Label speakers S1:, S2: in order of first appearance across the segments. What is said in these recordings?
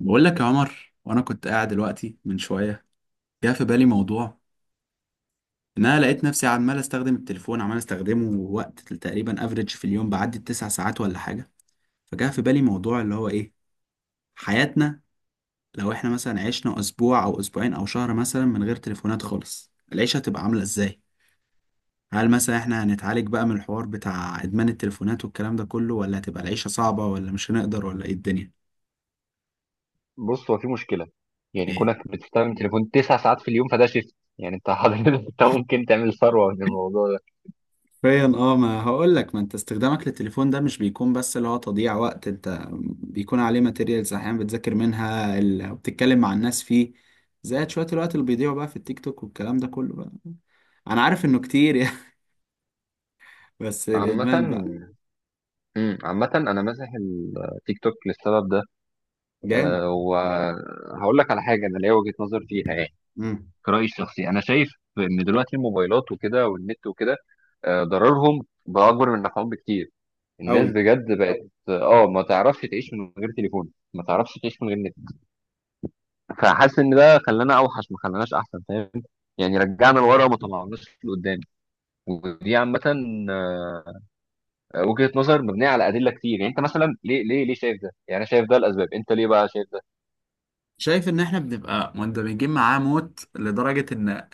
S1: بقول لك يا عمر، وانا كنت قاعد دلوقتي من شويه جه في بالي موضوع. ان انا لقيت نفسي عمال استخدم التليفون، عمال استخدمه وقت تقريبا افريج في اليوم، بعدي التسع ساعات ولا حاجه. فجاء في بالي موضوع اللي هو ايه، حياتنا لو احنا مثلا عشنا اسبوع او اسبوعين او شهر مثلا من غير تليفونات خالص، العيشه هتبقى عامله ازاي؟ هل مثلا احنا هنتعالج بقى من الحوار بتاع ادمان التليفونات والكلام ده كله، ولا هتبقى العيشه صعبه، ولا مش هنقدر، ولا ايه الدنيا؟
S2: بص، هو في مشكله. يعني
S1: ايه.
S2: كونك بتستخدم تليفون تسع ساعات في اليوم فده شيفت. يعني انت حضرتك انت ممكن تعمل ثروه من الموضوع ده.
S1: حرفيا اه، ما هقول لك، ما انت استخدامك للتليفون ده مش بيكون بس اللي هو تضييع وقت، انت بيكون عليه ماتيريالز احيانا بتذاكر منها وبتتكلم مع الناس فيه. زائد شوية الوقت اللي بيضيعوا بقى في التيك توك والكلام ده كله بقى. انا عارف انه كتير يعني. بس
S2: عامة،
S1: الادمان بقى.
S2: مم، عامة أنا ماسح التيك توك للسبب ده.
S1: جامد.
S2: أه، وهقول لك على حاجة أنا ليا وجهة نظر فيها. يعني
S1: امم.
S2: كرأيي الشخصي أنا شايف إن دلوقتي الموبايلات وكده والنت وكده، ضررهم بقى أكبر من نفعهم بكتير. الناس
S1: قوي.
S2: بجد بقت، آه، ما تعرفش تعيش من غير تليفون، ما تعرفش تعيش من غير. فحاسس ان ده خلانا اوحش، ما خلاناش احسن، فاهم؟ يعني رجعنا لورا وما طلعناش لقدام. ودي عامه وجهه نظر مبنيه على ادله كتير. يعني انت مثلا ليه ليه شايف ده؟ يعني انا شايف ده الاسباب، انت ليه بقى شايف ده؟
S1: شايف ان احنا بنبقى مندمجين معاه موت لدرجة ان،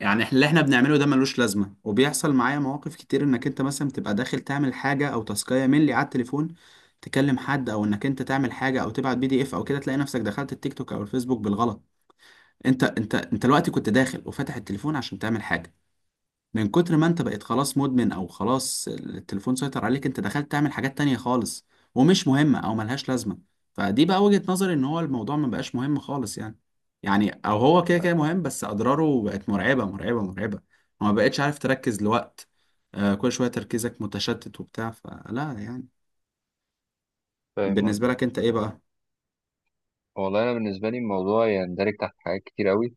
S1: يعني اللي احنا بنعمله ده ملوش لازمه، وبيحصل معايا مواقف كتير انك انت مثلا بتبقى داخل تعمل حاجه او تاسكايه ملي على التليفون، تكلم حد، او انك انت تعمل حاجه او تبعت PDF او كده، تلاقي نفسك دخلت التيك توك او الفيسبوك بالغلط. انت الوقت كنت داخل وفاتح التليفون عشان تعمل حاجه، من كتر ما انت بقيت خلاص مدمن، او خلاص التليفون سيطر عليك، انت دخلت تعمل حاجات تانية خالص ومش مهمة او ملهاش لازمة. فدي بقى وجهة نظري، ان هو الموضوع ما بقاش مهم خالص يعني. يعني او هو كده كده مهم، بس اضراره بقت مرعبة مرعبة مرعبة. وما بقتش عارف تركز لوقت. آه، كل شوية تركيزك متشتت وبتاع فلا يعني.
S2: فاهم
S1: بالنسبة
S2: قصدك.
S1: لك انت ايه
S2: آه.
S1: بقى؟
S2: والله انا بالنسبه لي الموضوع يندرج تحت حاجات كتير قوي.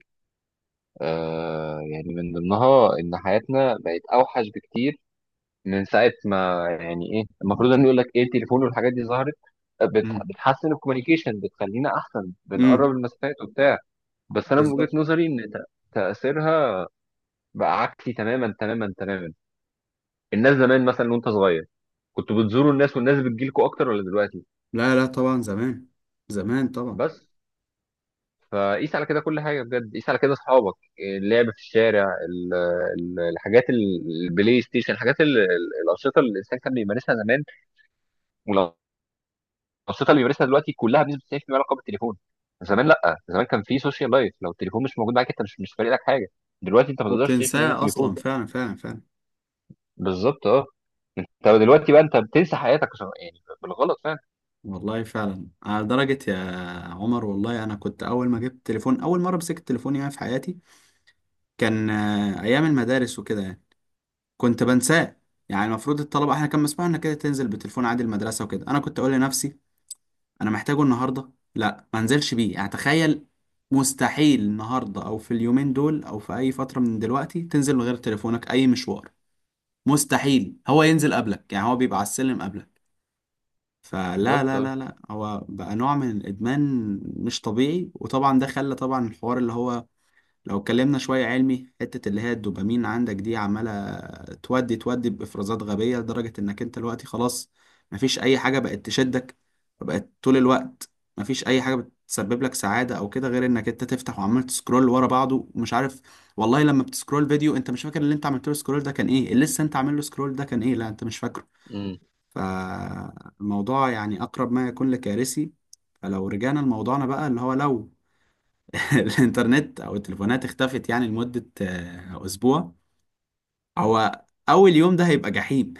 S2: آه، يعني من ضمنها ان حياتنا بقت اوحش بكتير من ساعه ما، يعني ايه، المفروض ان يقول لك ايه، التليفون والحاجات دي ظهرت،
S1: امم.
S2: بتحسن الكوميونيكيشن، بتخلينا احسن، بنقرب
S1: امم.
S2: المسافات وبتاع. بس انا من وجهة
S1: بالظبط.
S2: نظري ان تأثيرها بقى عكسي تماما تماما تماما. الناس زمان، مثلا وانت صغير، كنتوا بتزوروا الناس والناس بتجيلكوا اكتر ولا دلوقتي؟
S1: لا لا طبعا زمان. زمان طبعا.
S2: بس فقيس على كده كل حاجة، بجد قيس على كده، اصحابك، اللعب في الشارع، ال- الحاجات البلاي ستيشن، الحاجات الأنشطة اللي الإنسان كان بيمارسها زمان. والأنشطة اللي بيمارسها دلوقتي كلها بنسبة 90% علاقة بالتليفون. زمان لا، زمان كان في سوشيال لايف، لو التليفون مش موجود معاك انت مش فارق لك حاجة. دلوقتي انت ما تقدرش تعيش من غير
S1: وبتنساه
S2: التليفون.
S1: اصلا، فعلا فعلا فعلا.
S2: بالظبط، اه. انت دلوقتي بقى انت بتنسى حياتك عشان- يعني بالغلط فعلا.
S1: والله فعلا، على درجة يا عمر. والله أنا كنت أول ما جبت تليفون، أول مرة مسكت تليفون يعني في حياتي، كان أيام المدارس وكده يعني، كنت بنساه. يعني المفروض الطلبة إحنا كان مسموح إنك كده تنزل بتليفون عادي المدرسة وكده، أنا كنت أقول لنفسي أنا محتاجه النهاردة، لا ما انزلش بيه يعني. تخيل مستحيل النهاردة أو في اليومين دول أو في أي فترة من دلوقتي تنزل من غير تليفونك أي مشوار. مستحيل هو ينزل قبلك، يعني هو بيبقى على السلم قبلك. فلا،
S2: بالظبط
S1: لا
S2: اه.
S1: لا لا، هو بقى نوع من الادمان مش طبيعي. وطبعا ده خلى، طبعا، الحوار اللي هو، لو اتكلمنا شويه علمي، حته اللي هي الدوبامين عندك دي عماله تودي تودي بافرازات غبيه، لدرجه انك انت دلوقتي خلاص مفيش اي حاجه بقت تشدك، فبقت طول الوقت مفيش اي حاجه بتسبب لك سعاده او كده غير انك انت تفتح وعمال تسكرول ورا بعضه ومش عارف. والله لما بتسكرول فيديو انت مش فاكر اللي انت عملت له سكرول ده كان ايه، اللي لسه انت عامل له سكرول ده كان ايه، لا انت مش فاكره.
S2: امم.
S1: فالموضوع يعني أقرب ما يكون لكارثي. فلو رجعنا لموضوعنا بقى، اللي هو لو الإنترنت أو التليفونات اختفت يعني لمدة أسبوع، هو أول يوم ده هيبقى جحيم.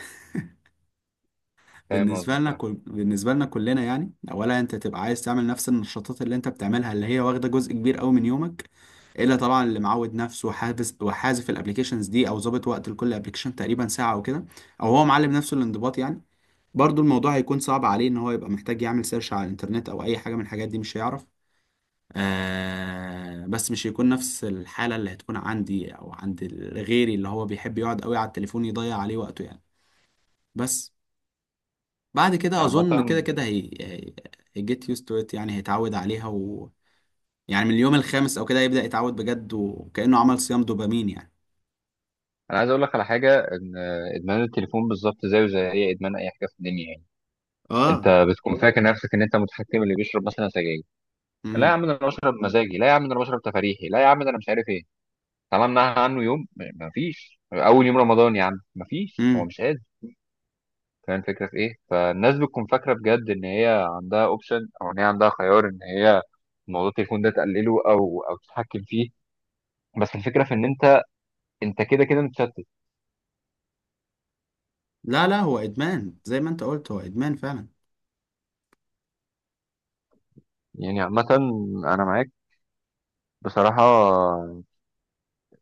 S2: فاهم قصدك اه.
S1: بالنسبة لنا كلنا يعني، أولا أنت تبقى عايز تعمل نفس النشاطات اللي أنت بتعملها، اللي هي واخدة جزء كبير أوي من يومك. إلا طبعا اللي معود نفسه وحافظ وحازف الأبليكيشنز دي، أو ظابط وقت لكل أبليكيشن تقريبا ساعة أو كده، أو هو معلم نفسه الانضباط يعني. برضو الموضوع هيكون صعب عليه ان هو يبقى محتاج يعمل سيرش على الانترنت او اي حاجة من الحاجات دي، مش هيعرف. آه، بس مش هيكون نفس الحالة اللي هتكون عندي او عند غيري اللي هو بيحب يقعد قوي على التليفون يضيع عليه وقته يعني. بس بعد كده
S2: عامة،
S1: اظن كده كده هي جيت used to it يعني، هيتعود عليها، و، يعني من اليوم الخامس او كده يبدأ يتعود بجد، وكأنه عمل صيام دوبامين يعني.
S2: انا عايز اقول لك على حاجة، ان ادمان التليفون بالظبط زيه زي اي ادمان، اي حاجة في الدنيا. يعني
S1: اه.
S2: انت بتكون فاكر نفسك ان انت متحكم، اللي بيشرب مثلا سجاير: لا يا
S1: امم.
S2: عم ده انا بشرب مزاجي، لا يا عم ده انا بشرب تفريحي، لا يا عم ده انا مش عارف ايه. طالما منعها عنه يوم، مفيش، اول يوم رمضان يا عم مفيش، هو
S1: امم.
S2: مش قادر. فاهم الفكرة في ايه؟ فالناس بتكون فاكرة بجد ان هي عندها اوبشن، او ان هي عندها خيار ان هي موضوع التليفون ده تقلله او تتحكم فيه. بس الفكرة في ان انت كده كده متشتت.
S1: لا لا، هو ادمان زي ما انت قلت، هو ادمان فعلا.
S2: يعني عامة، انا معاك بصراحة.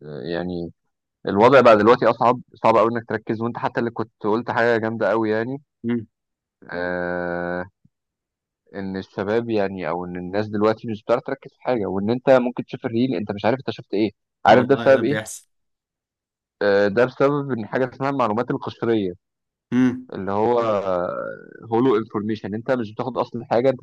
S2: يعني الوضع بقى دلوقتي اصعب، صعب قوي انك تركز، وانت حتى اللي كنت قلت حاجة جامدة قوي. يعني
S1: امم.
S2: آه، ان الشباب، يعني او ان الناس دلوقتي مش بتعرف تركز في حاجة، وان انت ممكن تشوف الريل انت مش عارف انت شفت ايه. عارف ده
S1: والله ده
S2: بسبب ايه؟
S1: بيحصل.
S2: آه، ده بسبب ان حاجه اسمها المعلومات القشريه،
S1: مم.
S2: اللي هو هولو انفورميشن. انت مش بتاخد اصلا حاجه، انت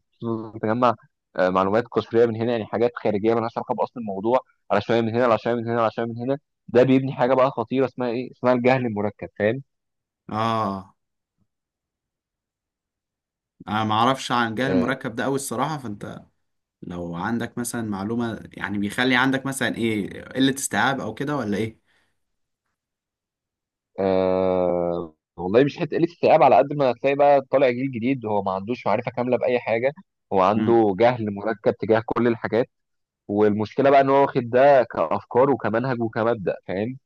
S2: بتجمع، آه، معلومات قصريه من هنا، يعني حاجات خارجيه مالهاش علاقه باصل الموضوع، على شويه من هنا، على شويه من هنا، على شويه من هنا. ده بيبني حاجه بقى خطيره اسمها ايه، اسمها الجهل المركب، فاهم؟
S1: اه، انا ما اعرفش عن جهاز
S2: آه.
S1: المركب ده قوي الصراحه، فانت لو عندك مثلا معلومه يعني، بيخلي عندك مثلا ايه، قله استيعاب او كده، ولا ايه؟
S2: آه والله، مش حته قله استيعاب، على قد ما هتلاقي بقى طالع جيل جديد هو ما عندوش معرفه كامله باي حاجه. هو
S1: مم.
S2: عنده جهل مركب تجاه كل الحاجات. والمشكله بقى ان هو واخد ده كافكار وكمنهج وكمبدأ، فاهم؟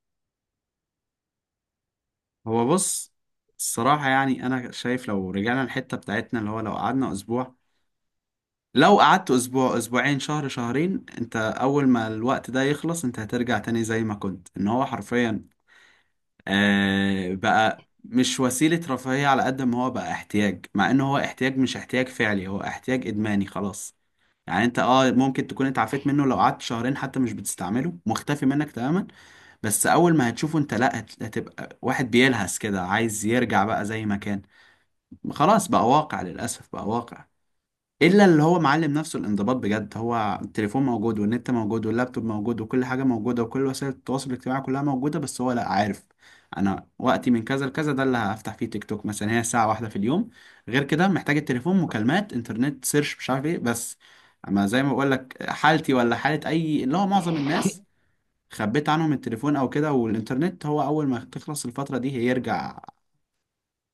S1: هو بص، الصراحه يعني انا شايف لو رجعنا الحته بتاعتنا اللي هو، لو قعدنا اسبوع، لو قعدت اسبوع اسبوعين شهر شهرين، انت اول ما الوقت ده يخلص انت هترجع تاني زي ما كنت. ان هو حرفيا آه، بقى مش وسيله رفاهيه على قد ما هو بقى احتياج، مع ان هو احتياج مش احتياج فعلي، هو احتياج ادماني خلاص يعني. انت ممكن تكون انت عفيت منه لو قعدت شهرين حتى مش بتستعمله، مختفي منك تماما. بس اول ما هتشوفه، انت لا، هتبقى واحد بيلهس كده عايز يرجع بقى زي ما كان. خلاص بقى واقع، للاسف بقى واقع. الا اللي هو معلم نفسه الانضباط بجد، هو التليفون موجود والنت موجود واللابتوب موجود وكل حاجه موجوده وكل وسائل التواصل الاجتماعي كلها موجوده، بس هو لا عارف انا وقتي من كذا لكذا ده اللي هفتح فيه تيك توك مثلا، هي ساعه واحده في اليوم. غير كده محتاج التليفون مكالمات انترنت سيرش مش عارف ايه، بس اما زي ما بقول لك، حالتي ولا حاله اي اللي هو معظم الناس، خبيت عنهم التليفون او كده والانترنت، هو اول ما تخلص الفتره دي هيرجع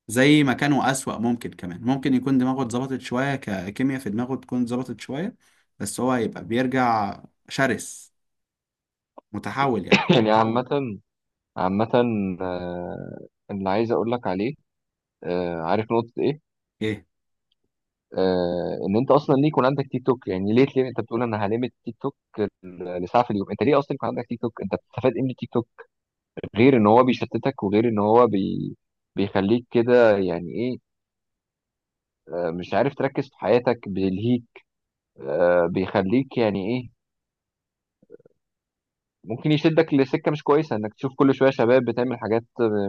S1: زي ما كانوا أسوأ. ممكن كمان ممكن يكون دماغه اتظبطت شوية، ككيمياء في دماغه تكون اتظبطت شوية، بس هو هيبقى بيرجع شرس متحول يعني.
S2: يعني عامه، عامة، آه، اللي عايز أقول لك عليه، آه، عارف نقطة إيه؟
S1: ايه.
S2: آه، إن أنت أصلا ليه يكون عندك تيك توك؟ يعني ليه أنت بتقول أنا هلمت تيك توك لساعة في اليوم؟ أنت ليه أصلا يكون عندك تيك توك؟ أنت بتستفاد إيه من التيك توك؟ غير إن هو بيشتتك، وغير إن هو بي... بيخليك كده يعني إيه، آه، مش عارف تركز في حياتك، بيلهيك، آه، بيخليك يعني إيه، ممكن يشدك لسكة مش كويسة، إنك تشوف كل شوية شباب بتعمل حاجات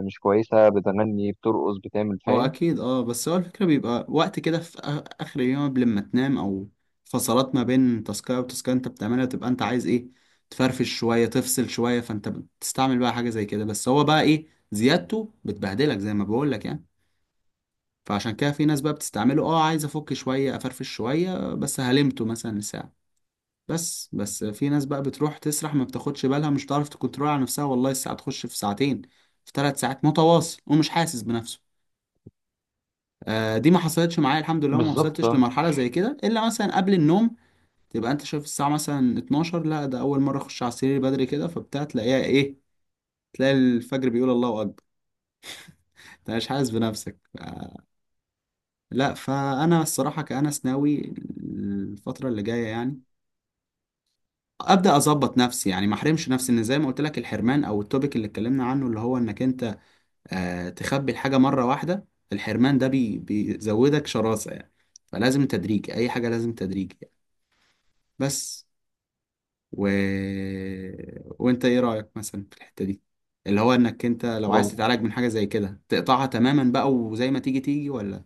S2: مش كويسة، بتغني بترقص بتعمل،
S1: هو
S2: فاهم؟
S1: أكيد اه، بس هو الفكرة بيبقى وقت كده في آخر اليوم قبل ما تنام، أو فصلات ما بين تاسكاية وتاسكاية أنت بتعملها، تبقى أنت عايز ايه، تفرفش شوية، تفصل شوية، فأنت بتستعمل بقى حاجة زي كده. بس هو بقى ايه، زيادته بتبهدلك زي ما بقولك يعني. فعشان كده في ناس بقى بتستعمله عايز افك شوية افرفش شوية، بس هلمته مثلا ساعة بس في ناس بقى بتروح تسرح، ما بتاخدش بالها، مش تعرف تكنترول على نفسها، والله الساعة تخش في ساعتين، في 3 ساعات متواصل ومش حاسس بنفسه. آه، دي ما حصلتش معايا الحمد لله وما
S2: بالظبط.
S1: وصلتش لمرحلة زي كده، إلا مثلا قبل النوم، تبقى أنت شايف الساعة مثلا 12، لا ده أول مرة أخش على السرير بدري كده، فبتاع تلاقيها إيه، تلاقي الفجر بيقول الله أكبر، أنت مش حاسس بنفسك لا، فأنا الصراحة كأنس ناوي الفترة اللي جاية يعني ابدا اظبط نفسي يعني، ما احرمش نفسي ان زي ما قلت لك الحرمان او التوبيك اللي اتكلمنا عنه اللي هو انك انت تخبي الحاجه مره واحده، الحرمان ده بيزودك شراسه يعني. فلازم تدريج اي حاجه، لازم تدريج يعني. بس و... وانت ايه رايك مثلا في الحته دي، اللي هو انك انت لو عايز
S2: آه.
S1: تتعالج من حاجه زي كده تقطعها تماما بقى وزي ما تيجي تيجي، ولا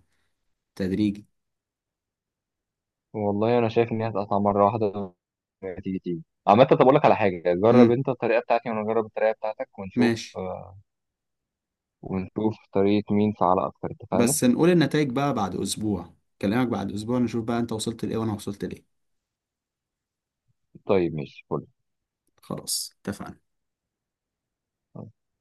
S1: تدريجي؟
S2: والله انا شايف ان هي هتقطع مره واحده، تيجي تيجي. عامة طب اقول لك على حاجة، جرب
S1: امم.
S2: انت الطريقة بتاعتي وانا اجرب الطريقة بتاعتك ونشوف،
S1: ماشي.
S2: آه، ونشوف طريقة مين فعالة اكتر، اتفقنا؟
S1: بس نقول النتائج بقى بعد اسبوع، كلامك، بعد اسبوع نشوف بقى انت وصلت لايه وانا وصلت لايه.
S2: طيب ماشي، فل.
S1: خلاص اتفقنا.